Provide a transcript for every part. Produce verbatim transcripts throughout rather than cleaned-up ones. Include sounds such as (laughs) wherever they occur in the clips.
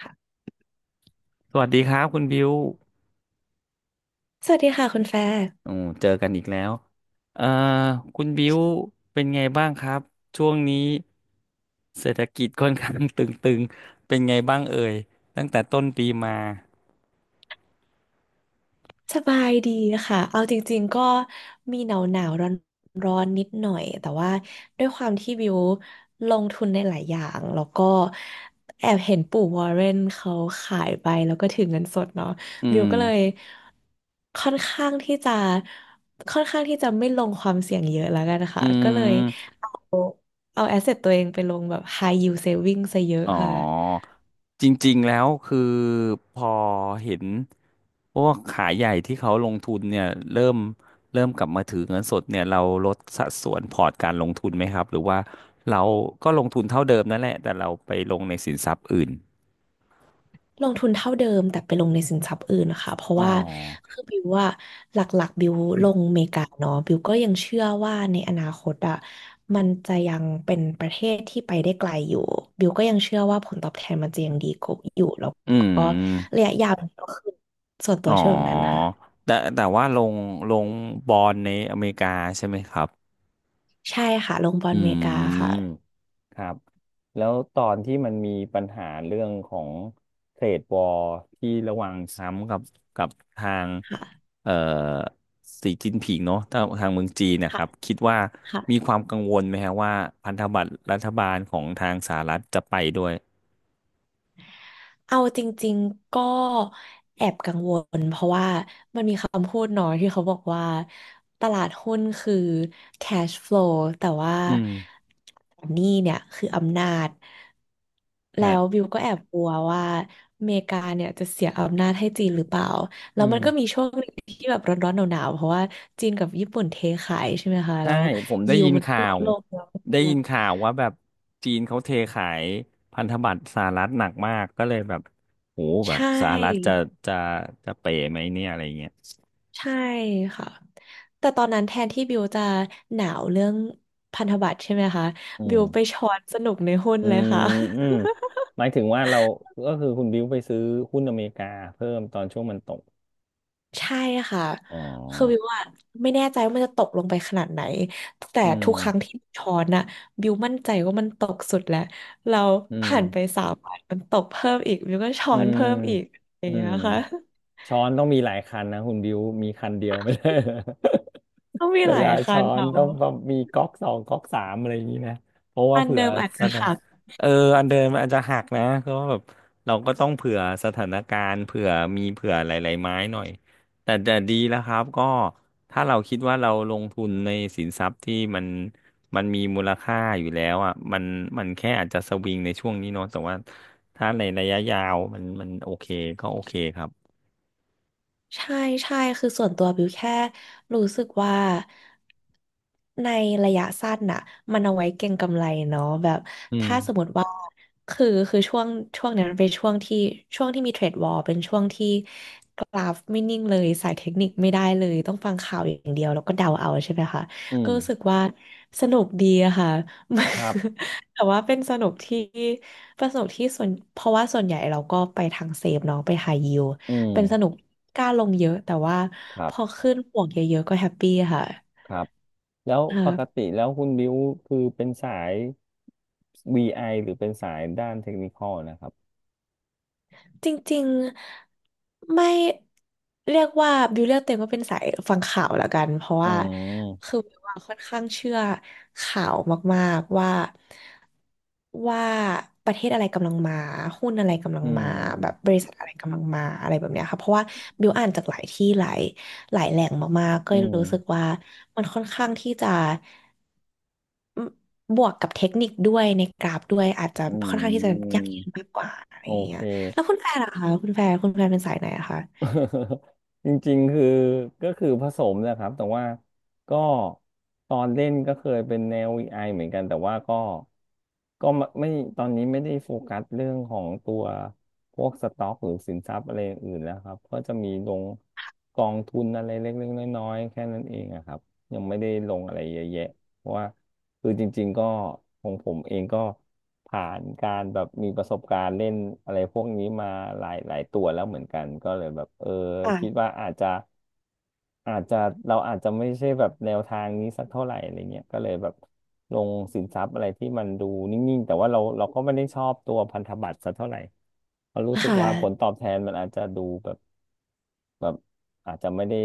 ค่ะสวัสดีครับคุณบิวสวัสดีค่ะคุณแฟร์โอ้เจอกันอีกแล้วเอ่อคุณบิวเป็นไงบ้างครับช่วงนี้เศรษฐกิจค่อนข้าง (laughs) ตึงๆเป็นไงบ้างเอ่ยตั้งแต่ต้นปีมาสบายดีค่ะเอาจริงๆก็มีหนาวหนาวร้อนร้อนๆนิดหน่อยแต่ว่าด้วยความที่บิวลงทุนในหลายอย่างแล้วก็แอบเห็นปู่วอร์เรนเขาขายไปแล้วก็ถือเงินสดเนาะอืบิวมก็เลยค่อนข้างที่จะค่อนข้างที่จะไม่ลงความเสี่ยงเยอะแล้วกันอืค่ะก็เลยม เอาแอสเซทตัวเองไปลงแบบ high yield saving ซะเยอะอ๋อค่ะ จริงๆแล้วคือพอเห็นพวกขายใหญ่ที่เขาลงทุนเนี่ยเริ่มเริ่มกลับมาถือเงินสดเนี่ยเราลดสัดส่วนพอร์ตการลงทุนไหมครับหรือว่าเราก็ลงทุนเท่าเดิมนั่นแหละแต่เราไปลงในสินทรัพย์อื่นลงทุนเท่าเดิมแต่ไปลงในสินทรัพย์อื่นนะคะเพราะอ๋อว่าคือบิวว่าหลักๆบิวลงอเมริกาเนาะบิวก็ยังเชื่อว่าในอนาคตอ่ะมันจะยังเป็นประเทศที่ไปได้ไกลอยู่บิวก็ยังเชื่อว่าผลตอบแทนมันจะยังดีกว่าอยู่แล้วอืก็มระยะยาวมันก็คือส่วนตัอ๋วอเชื่อแบบนั้นค่ะแต่แต่ว่าลงลงบอลในอเมริกาใช่ไหมครับใช่ค่ะลงบออืลอเมริกาม ค่ะครับแล้วตอนที่มันมีปัญหาเรื่องของเทรดวอร์ที่ระหว่างซ้ำกับกับทางค่ะเอ่อสีจิ้นผิงเนาะทางทางเมืองจีนนะคค่ะรับคิดว่าค่ะ มีความกังวลไหมฮะว่าพันธบัตรรัฐบาลของทางสหรัฐจะไปด้วยเอาจริงๆ ก็แอบกังวลเพราะว่ามันมีคำพูดเนาะที่เขาบอกว่าตลาดหุ้นคือ cash flow แต่ว่าอืมหนี้เนี่ยคืออำนาจแล้ฮะวบิวก็แอบกลัวว่าอเมริกาเนี่ยจะเสียอำนาจให้จีนหรือเปล่าแล้อืวม มันก็มีช่วงหนึ่งที่แบบร้อนๆหนาวๆเพราะว่าจีนกับญี่ปุ่นเทขายใช่ไหมคะใช่แล้วผมได้ยิวยินมันก็ข่าลดวลงเยอะมได้ายิกนข่าวว่าแบบจีนเขาเทขายพันธบัตรสหรัฐหนักมากก็เลยแบบโหแบใชบสหรัฐจะ่จะจะเป๋ไหมเนี่ยอะไรเงี้ยใช่ค่ะ แต่ตอนนั้นแทนที่บิวจะหนาวเรื่องพันธบัตรใช่ไหมคะอืบิวไปมช้อนสนุกในหุ้นอืเลยมค่ะ อืมหมายถึงว่าเราก็คือคุณบิวไปซื้อหุ้นอเมริกาเพิ่มตอนช่วงมันตก (laughs) ใช่ค่ะอ๋อคือบิวอะไม่แน่ใจว่ามันจะตกลงไปขนาดไหนแต่อืทุกครั้งมที่ช้อนอะบิวมั่นใจว่ามันตกสุดแล้วเราอืมผ่านไปสามวันมันตกเพิ่มอีกบิวก็ช้อือนมเพิ่มอีกอย่าอืงเงี้ม ยค่ะ ช้อนต้องมีหลายคันนะคุณบิวมีคันเดียวไม่ได้ (laughs) ต้องมี (laughs) เวหลาลายคัช้อนนเนาะต้องต้องมีก๊อกสองก๊อกสามอะไรอย่างนี้นะเพราะว่าอันเผื่อเดิมอาจสจะถานหัก เอออันเดิมมันอาจจะหักนะก็แบบเราก็ต้องเผื่อสถานการณ์เผื่อมีเผื่อหลายๆไม้หน่อยแต่แต่ดีแล้วครับก็ถ้าเราคิดว่าเราลงทุนในสินทรัพย์ที่มันมันมีมูลค่าอยู่แล้วอ่ะมันมันแค่อาจจะสวิงในช่วงนี้เนาะแต่ว่าถ้าในระยะยาวมันมันโอเคก็โอเคครับ ใช่ใช่คือส่วนตัวบิวแค่รู้สึกว่าในระยะสั้นน่ะมันเอาไว้เก็งกำไรเนาะแบบอืม ถ้าสมมติว่าคือคือช่วงช่วงเนี้ยมันเป็นช่วงที่ช่วงที่มีเทรดวอร์เป็นช่วงที่กราฟไม่นิ่งเลยสายเทคนิคไม่ได้เลยต้องฟังข่าวอย่างเดียวแล้วก็เดาเอาใช่ไหมคะ อื (laughs) ก็ม รู้สึกว่าสนุกดีอะค่ะ ครับ (laughs) แต่ว่าเป็นสนุกที่เป็นสนุกที่ส่วนเพราะว่าส่วนใหญ่เราก็ไปทางเซฟเนาะไปไฮยิว อืม เป็นสนุกกล้าลงเยอะแต่ว่าครัพอบ ขึ้นบวกเยอะๆก็แฮปปี้ค่ะครับ แล้วคปกรับติแล้วคุณบิวคือเป็นสาย วี ไอ หรือเป็นสายด้านเทคนิคอลนะครับจริงๆไม่เรียกว่าบิวเรียกเต็มว่าเป็นสายฟังข่าวละกันเพราะอืว่าคือมบิวอะค่อนข้างเชื่อข่าวมากๆว่าว่าประเทศอะไรกำลังมาหุ้นอะไรกำลัอืงมาแบบบม ริษัทอะไรกำลังมาอะไรแบบเนี้ยค่ะเพราะว่าบิวอ่านจากหลายที่หลายหลายแหล่งมากๆก็อืเลยม รู้สึกว่ามันค่อนข้างที่จะ บวกกับเทคนิคด้วยในกราฟด้วยอาจจะอืค่อนข้างที่จะม ยั่งยืนมากกว่าอะไรโออย่างเงี้เค ยแล้วคุณแฟนล่ะคะคุณแฟนคุณแฟนเป็นสายไหนอะคะ (laughs) จริงๆคือก็คือผสมนะครับแต่ว่าก็ตอนเล่นก็เคยเป็นแนววีไอเหมือนกันแต่ว่าก็ก็ไม่ไม่ตอนนี้ไม่ได้โฟกัสเรื่องของตัวพวกสต็อกหรือสินทรัพย์อะไรออื่นแล้วครับก็จะมีลงกองทุนอะไรเล็กๆน้อยๆแค่นั้นเองอะครับยังไม่ได้ลงอะไรเยอะแยะ เพราะว่าคือจริงๆก็ของผมเองก็ผ่านการแบบมีประสบการณ์เล่นอะไรพวกนี้มาหลายหลายตัวแล้วเหมือนกันก็เลยแบบเออคิดค่ะว่าอาจจะอาจจะเราอาจจะไม่ใช่แบบแนวทางนี้สักเท่าไหร่อะไรเงี้ยก็เลยแบบลงสินทรัพย์อะไรที่มันดูนิ่งๆแต่ว่าเราเราก็ไม่ได้ชอบตัวพันธบัตรสักเท่าไหร่เพราะรู้สึคกว่าผล่ะตอบแทนมันอาจจะดูแบบ แบบอาจจะไม่ได้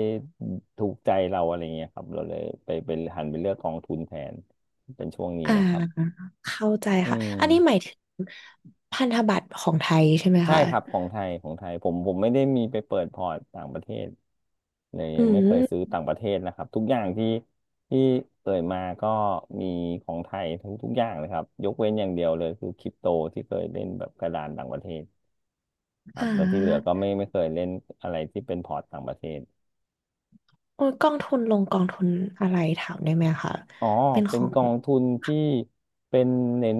ถูกใจเราอะไรเงี้ยครับเราเลยไปไปหันไปเลือกกองทุนแทนเป็นช่วงนี้อ่านะครับเข้าใจอืค่ะอันนี้หมามยถึงพันธบัตรของไทยใช่ไหมใช่คะครับของไทยของไทยผมผมไม่ได้มีไปเปิดพอร์ตต่างประเทศเลยอืยังไม่เคยซื้อมต่างประเทศนะครับทุกอย่างที่ที่เอ่ยมาก็มีของไทยทุกทุกอย่างเลยครับยกเว้นอย่างเดียวเลยคือคริปโตที่เคยเล่นแบบกระดานต่างประเทศครัอ่บแล้วที่เหลือก็าไม่ไม่เคยเล่นอะไรที่เป็นพอร์ตต่างประเทศ โอ้ยกองทุนลงกองทุนอะไรถามได้ไหมคะอ๋อ เป็นขเป็นองกองทุนที่เป็นเน้น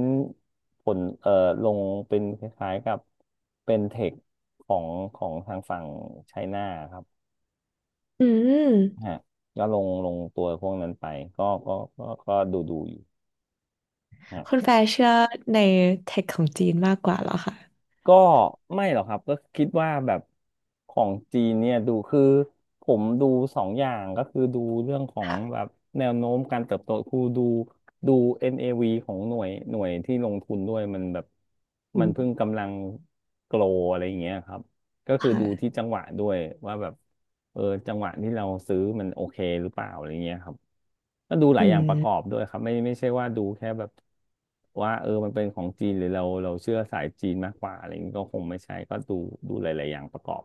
ผลเอ่อลงเป็นคล้ายๆกับเป็นเทคของของทางฝั่งไชน่าครับอืมฮะก็ลงลงตัวพวกนั้นไปก็ก็ก็ก็ดูดูอยู่ฮะ คุณแฟร์เชื่อในเทคของจีนมากกว่าเหรอคะก็ไม่หรอกครับก็คิดว่าแบบของจีนเนี่ยดูคือผมดูสองอย่างก็คือดูเรื่องของค่ะแบบแนวโน้มการเติบโตคือดูดู เอ็น เอ วี ของหน่วยหน่วยที่ลงทุนด้วยมันแบบอืมันมเพิ่งกำลังโกลอะไรอย่างเงี้ยครับ ก็คคือดูที่่ะจังหวะด้วยว่าแบบเออจังหวะที่เราซื้อมันโอเคหรือเปล่าอะไรเงี้ยครับก็ดูหลาอืยอย่างประกอบมด้วยครับไม่ไม่ใช่ว่าดูแค่แบบว่าเออมันเป็นของจีนหรือเราเราเชื่อสายจีนมากกว่าอะไรเงี้ยก็คงไม่ใช่ก็ดูดูหลายๆอย่างประกอบ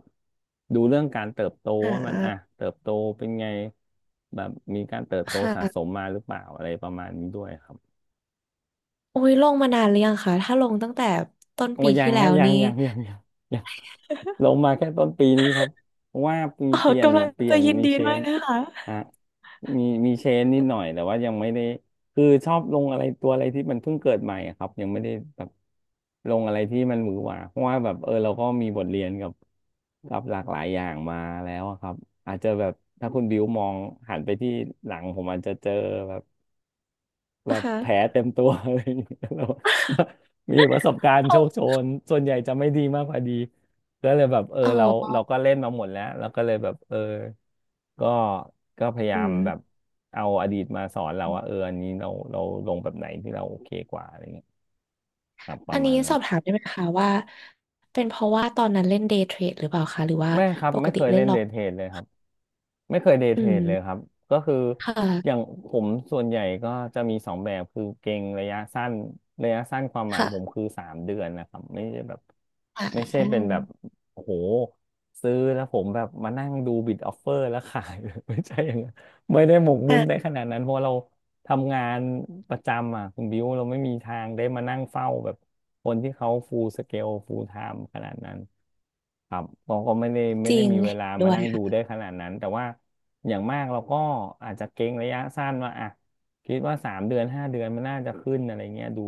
ดูเรื่องการเติบโตอ่ว่ามันอ่ะาเติบโตเป็นไงแบบมีการเติบโตคสะสม่ะ มาหรือเปล่าอะไรประมาณนี้ด้วยครับ โอ้ยลงมานานหรือยังคะถ้าลงตั้งแต่ต้นโอ้ปียัที่งแล้ฮะวยังนี้ ยังยังยังยังลง (laughs) มาแค่ต้นปีนี้ครับเพราะว่ามีอ๋อเปลี่ยนกำลังเปลี่ยจะนยินมีดีเชด้วยนนะคะฮะมีมีเชนนิดหน่อยแต่ว่ายังไม่ได้คือชอบลงอะไรตัวอะไรที่มันเพิ่งเกิดใหม่อะครับยังไม่ได้แบบลงอะไรที่มันหวือหวาเพราะว่าแบบเออเราก็มีบทเรียนกับกับหลากหลายอย่างมาแล้วอะครับอาจจะแบบถ้าคุณบิวมองหันไปที่หลังผมอาจจะเจอ แบนะบแผลคะเต็มตัว (laughs) อะไรอย่างเงี้ยแล้วมีประสบการณ์เอาโชคโชน ส่วนใหญ่จะไม่ดีมากพอดีก็เลยแบบเอออ๋เราอเราก็เล่นมาหมดแล้วเราก็เลยแบบเออก็ก็พยาอืยามแบบมเอาอดีตมาสอนเราว่าเอออันนี้เราเราลงแบบไหนที่เราโอเคกว่าอะไรเงี้ยครับปอัระนมานี้ณนั้สนอบถามได้ไหมคะว่าเป็นเพราะว่าตอนนั้นเล่นเดย์เทรดหรือเปล่าคะหรือว่าไม่ครับปกไม่ติเคยเล่เล่นนล็เดอกทเทรดเลยครับ ไม่เคยเดย์อืเทรมดเลยครับ ก็คือคอย่าง่ะผมส่วนใหญ่ก็จะมีสองแบบคือเก็งระยะสั้นระยะสั้นความหมายผมค่ะคือสามเดือนนะครับไม่ใช่แบบไม่อ่ะใช่เป็นแบบโอ้โหซื้อแล้วผมแบบมานั่งดูบิดออฟเฟอร์แล้วขาย (laughs) ไม่ใช่อย่างนั้นไม่ได้หมกมุ่นได้ขนาดนั้นเพราะเรา ทำงานประจำอ่ะคุณบิวเราไม่มีทางได้มานั่งเฝ้าแบบคนที่เขาฟูลสเกลฟูลไทม์ขนาดนั้นครับเราก็ไม่ได้ไม่จได้ริงมีเวเห็ลานมาด้วยนั่งดูค่ะได้ขนาดนั้นแต่ว่าอย่างมากเราก็อาจจะเก็งระยะสั้นว่าอ่ะคิดว่าสามเดือนห้าเดือนมันน่าจะขึ้นอะไรเงี้ยดู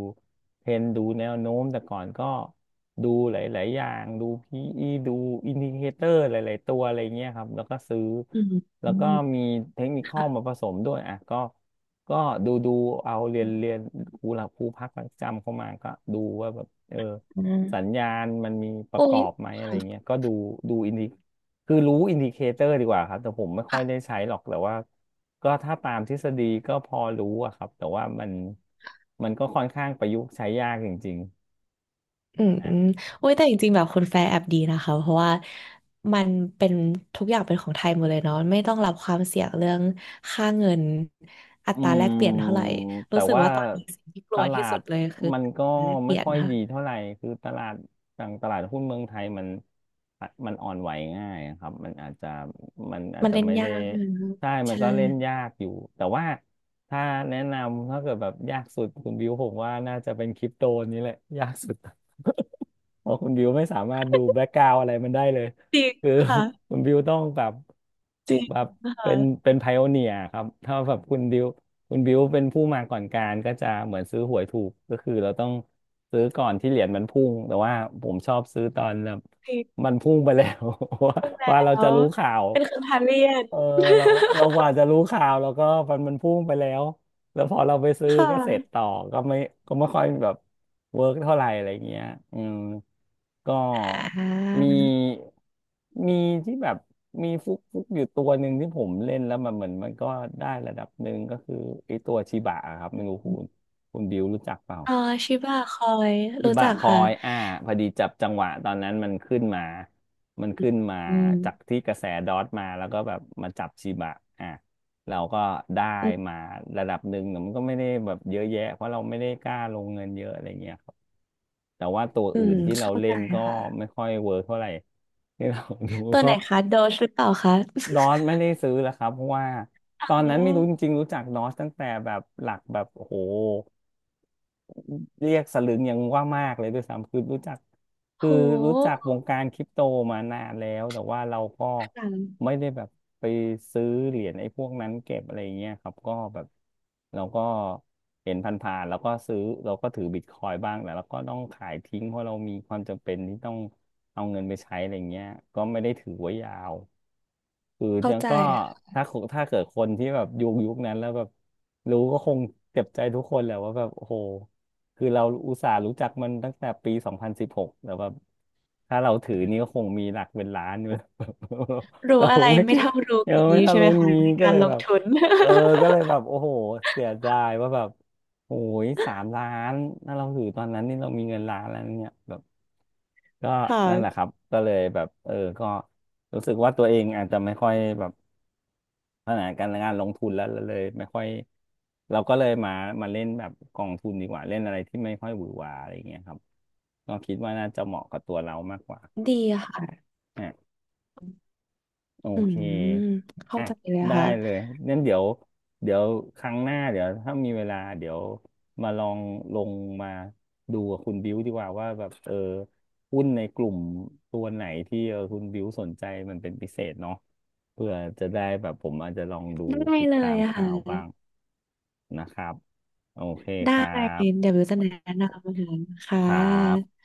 เทรนดูแนวโน้มแต่ก่อนก็ดูหลายๆอย่างดู พี อี ดูอินดิเคเตอร์หลายๆตัวอะไรเงี้ยครับแล้วก็ซื้ออืมแล้อืวก็มมีเทคนิคอค่ะลมาผสมด้วยอ่ะก็ ก็ดูดูเอาเรียนเรียนครูหลักครูพักประจำเข้ามาก็ดูว่าแบบเอออืมสัญญาณมันมีประโอ้กอยบไหมอะไรค่ะ เงี้ยก็ดูดูอินดิคือรู้อินดิเคเตอร์ดีกว่าครับแต่ผมไม่ค่อยได้ใช้หรอกแต่ว่าก็ถ้าตามทฤษฎีก็พอรู้อะครับแต่ว่ามันมันก็ค่อนข้างประยุกต์ใช้ยากจริงอืมๆ อืมโอ้ยแต่จริงๆแบบคุณแฟร์แอบดีนะคะเพราะว่ามันเป็นทุกอย่างเป็นของไทยหมดเลยเนาะไม่ต้องรับความเสี่ยงเรื่องค่าเงินอัอืตราแลกเปลี่ยนเท่ามไหร่แต่รู้สึกว่าว่าตอนนี้สิ่งที่กตลัวลาที่สุดดเลยคือมัอันก็ตราแลกเปไม่ลี่ยนค่อยค่ะดีเท่าไหร่คือตลาดต่างตลาดหุ้นเมืองไทยมันมันอ่อนไหวง่ายครับมันอาจจะมันอาจมันจะเล่นไม่ยาได้กใช่ไหมคะใช่มันใช่ก็เล่นยากอยู่แต่ว่าถ้าแนะนำถ้าเกิดแบบยากสุดคุณบิวผมว่าน่าจะเป็นคริปโตนี้แหละยากสุด เพราะคุณบิวไม่สามารถดูแบ็กกราวอะไรมันได้เลยจริงคือ ค (laughs) ่ะคุณบิวต้องแบบจริงแบบเป็นค่ะเป็นไพโอเนียครับถ้าแบบคุณบิวคุณบิวเป็นผู้มาก่อนการก็จะเหมือนซื้อหวยถูกก็คือเราต้องซื้อก่อนที่เหรียญมันพุ่งแต่ว่าผมชอบซื้อตอนแบบจริงมันพุ่งไปแล้ว (laughs) ว่าพูดแล้ว่าเราจะวรู้ข่าว เป็นคำทานเรียน เออ (laughs) เราเรากว่าจะรู้ข่าวแล้วก็มันมันพุ่งไปแล้วแล้วพอเราไปซื้อคก็เสร็จ่ะต่อก็ไม่ก็ไม่ค่อยแบบเวิร์กเท่าไหร่อะไรเงี้ยอืมก็อ่ามีมีที่แบบมีฟุกฟุกอยู่ตัวหนึ่งที่ผมเล่นแล้วมันเหมือนมันก็ได้ระดับหนึ่งก็คือไอ้ตัวชิบะอะครับไม่รู้คุณคุณบิวรู้จักเปล่า อ๋อชิบะคอยวิรู้บาจักกคอค่ะยอ่าพอดีจับจังหวะตอนนั้นมันขึ้นมามันขึ้นมาอืมจากที่กระแสดอทมาแล้วก็แบบมาจับชิบะอ่ะเราก็ได้อืมามระดับหนึ่งแต่มันก็ไม่ได้แบบเยอะแยะเพราะเราไม่ได้กล้าลงเงินเยอะอะไรเงี้ยครับแต่ว่าตัวอือื่มนที่เราเล่นก็ค่ะ ไม่ค่อยเวิร์กเท่าไหร่ที่เราดูตัวก็ไหนคะโดชหรือเปล่าคะดอทไม่ได้ซื้อแล้วครับเพราะว่าอ๋ตอนอนั้นไม่รู้จริงๆรู้จักดอทตั้งแต่แบบหลักแบบโอ้โห เรียกสลึงยังว่ามากเลยด้วยซ้ำคือรู้จักโคือรู้จักหวงการคริปโตมานานแล้วแต่ว่าเราก็ค่ไม่ะได้แบบไปซื้อเหรียญไอ้พวกนั้นเก็บอะไรเงี้ยครับก็แบบเราก็เห็นผ่านๆแล้วก็ซื้อเราก็ถือบิตคอยน์บ้างแต่เราก็ต้องขายทิ้งเพราะเรามีความจำเป็นที่ต้องเอาเงินไปใช้อะไรเงี้ยก็ไม่ได้ถือไว้ยาว คือเข้ายังใจก็ถ้าคถ้าเกิดคนที่แบบยุคยุคนั้นแล้วแบบรู้ก็คงเจ็บใจทุกคนแหละว่าแบบโอ้โหคือเราอุตส่าห์รู้จักมันตั้งแต่ปีสองพันสิบหกแต่แบบถ้าเราถือนี่ก็คงมีหลักเป็นล้านอยู่ (laughs) รู้เราอะไรไม่ไม่คิดเท่ารู้เออก่ไม่งี้ทันใช่ไหรู้มคะงี้ในก็กาเลรยลแบงบทุน เออก็เลยแบ (laughs) บโอ้โหเสียดายว่าแบบโอ้ยสามล้านถ้าเราถือตอนนั้นนี่เรามีเงินล้านแล้วเนี่ยแบบก็คนั่นแหละค่ะรับก็เลยแบบเออก็รู้สึกว่าตัวเองอาจจะไม่ค่อยแบบ ขนาดการงานลงทุนแล้วเราเลยไม่ค่อยเราก็เลยมามาเล่นแบบกองทุนดีกว่าเล่นอะไรที่ไม่ค่อยหวือหวาอะไรอย่างเงี้ยครับก็คิดว่าน่าจะเหมาะกับตัวเรามากกว่า ดีค่ะโออืเค มเข้าอ่ะ ใจเลยได้ค่ะเลยงั้นเดี๋ยว เดี๋ยวครั้งหน้าเดี๋ยวถ้ามีเวลาเดี๋ยวมาลองลงมาดูกับคุณบิวดีกว่าว่าแบบเออหุ้นในกลุ่มตัวไหนที่เออคุณบิวสนใจมันเป็นพิเศษเนาะเพื่อจะได้แบบผมอาจจะลองดูได้ติดเลตายมข่าวค่ะบ้างนะครับ โอเคได้ครัเดี๋ยบ ววิวจะแนะนำนะคะครับ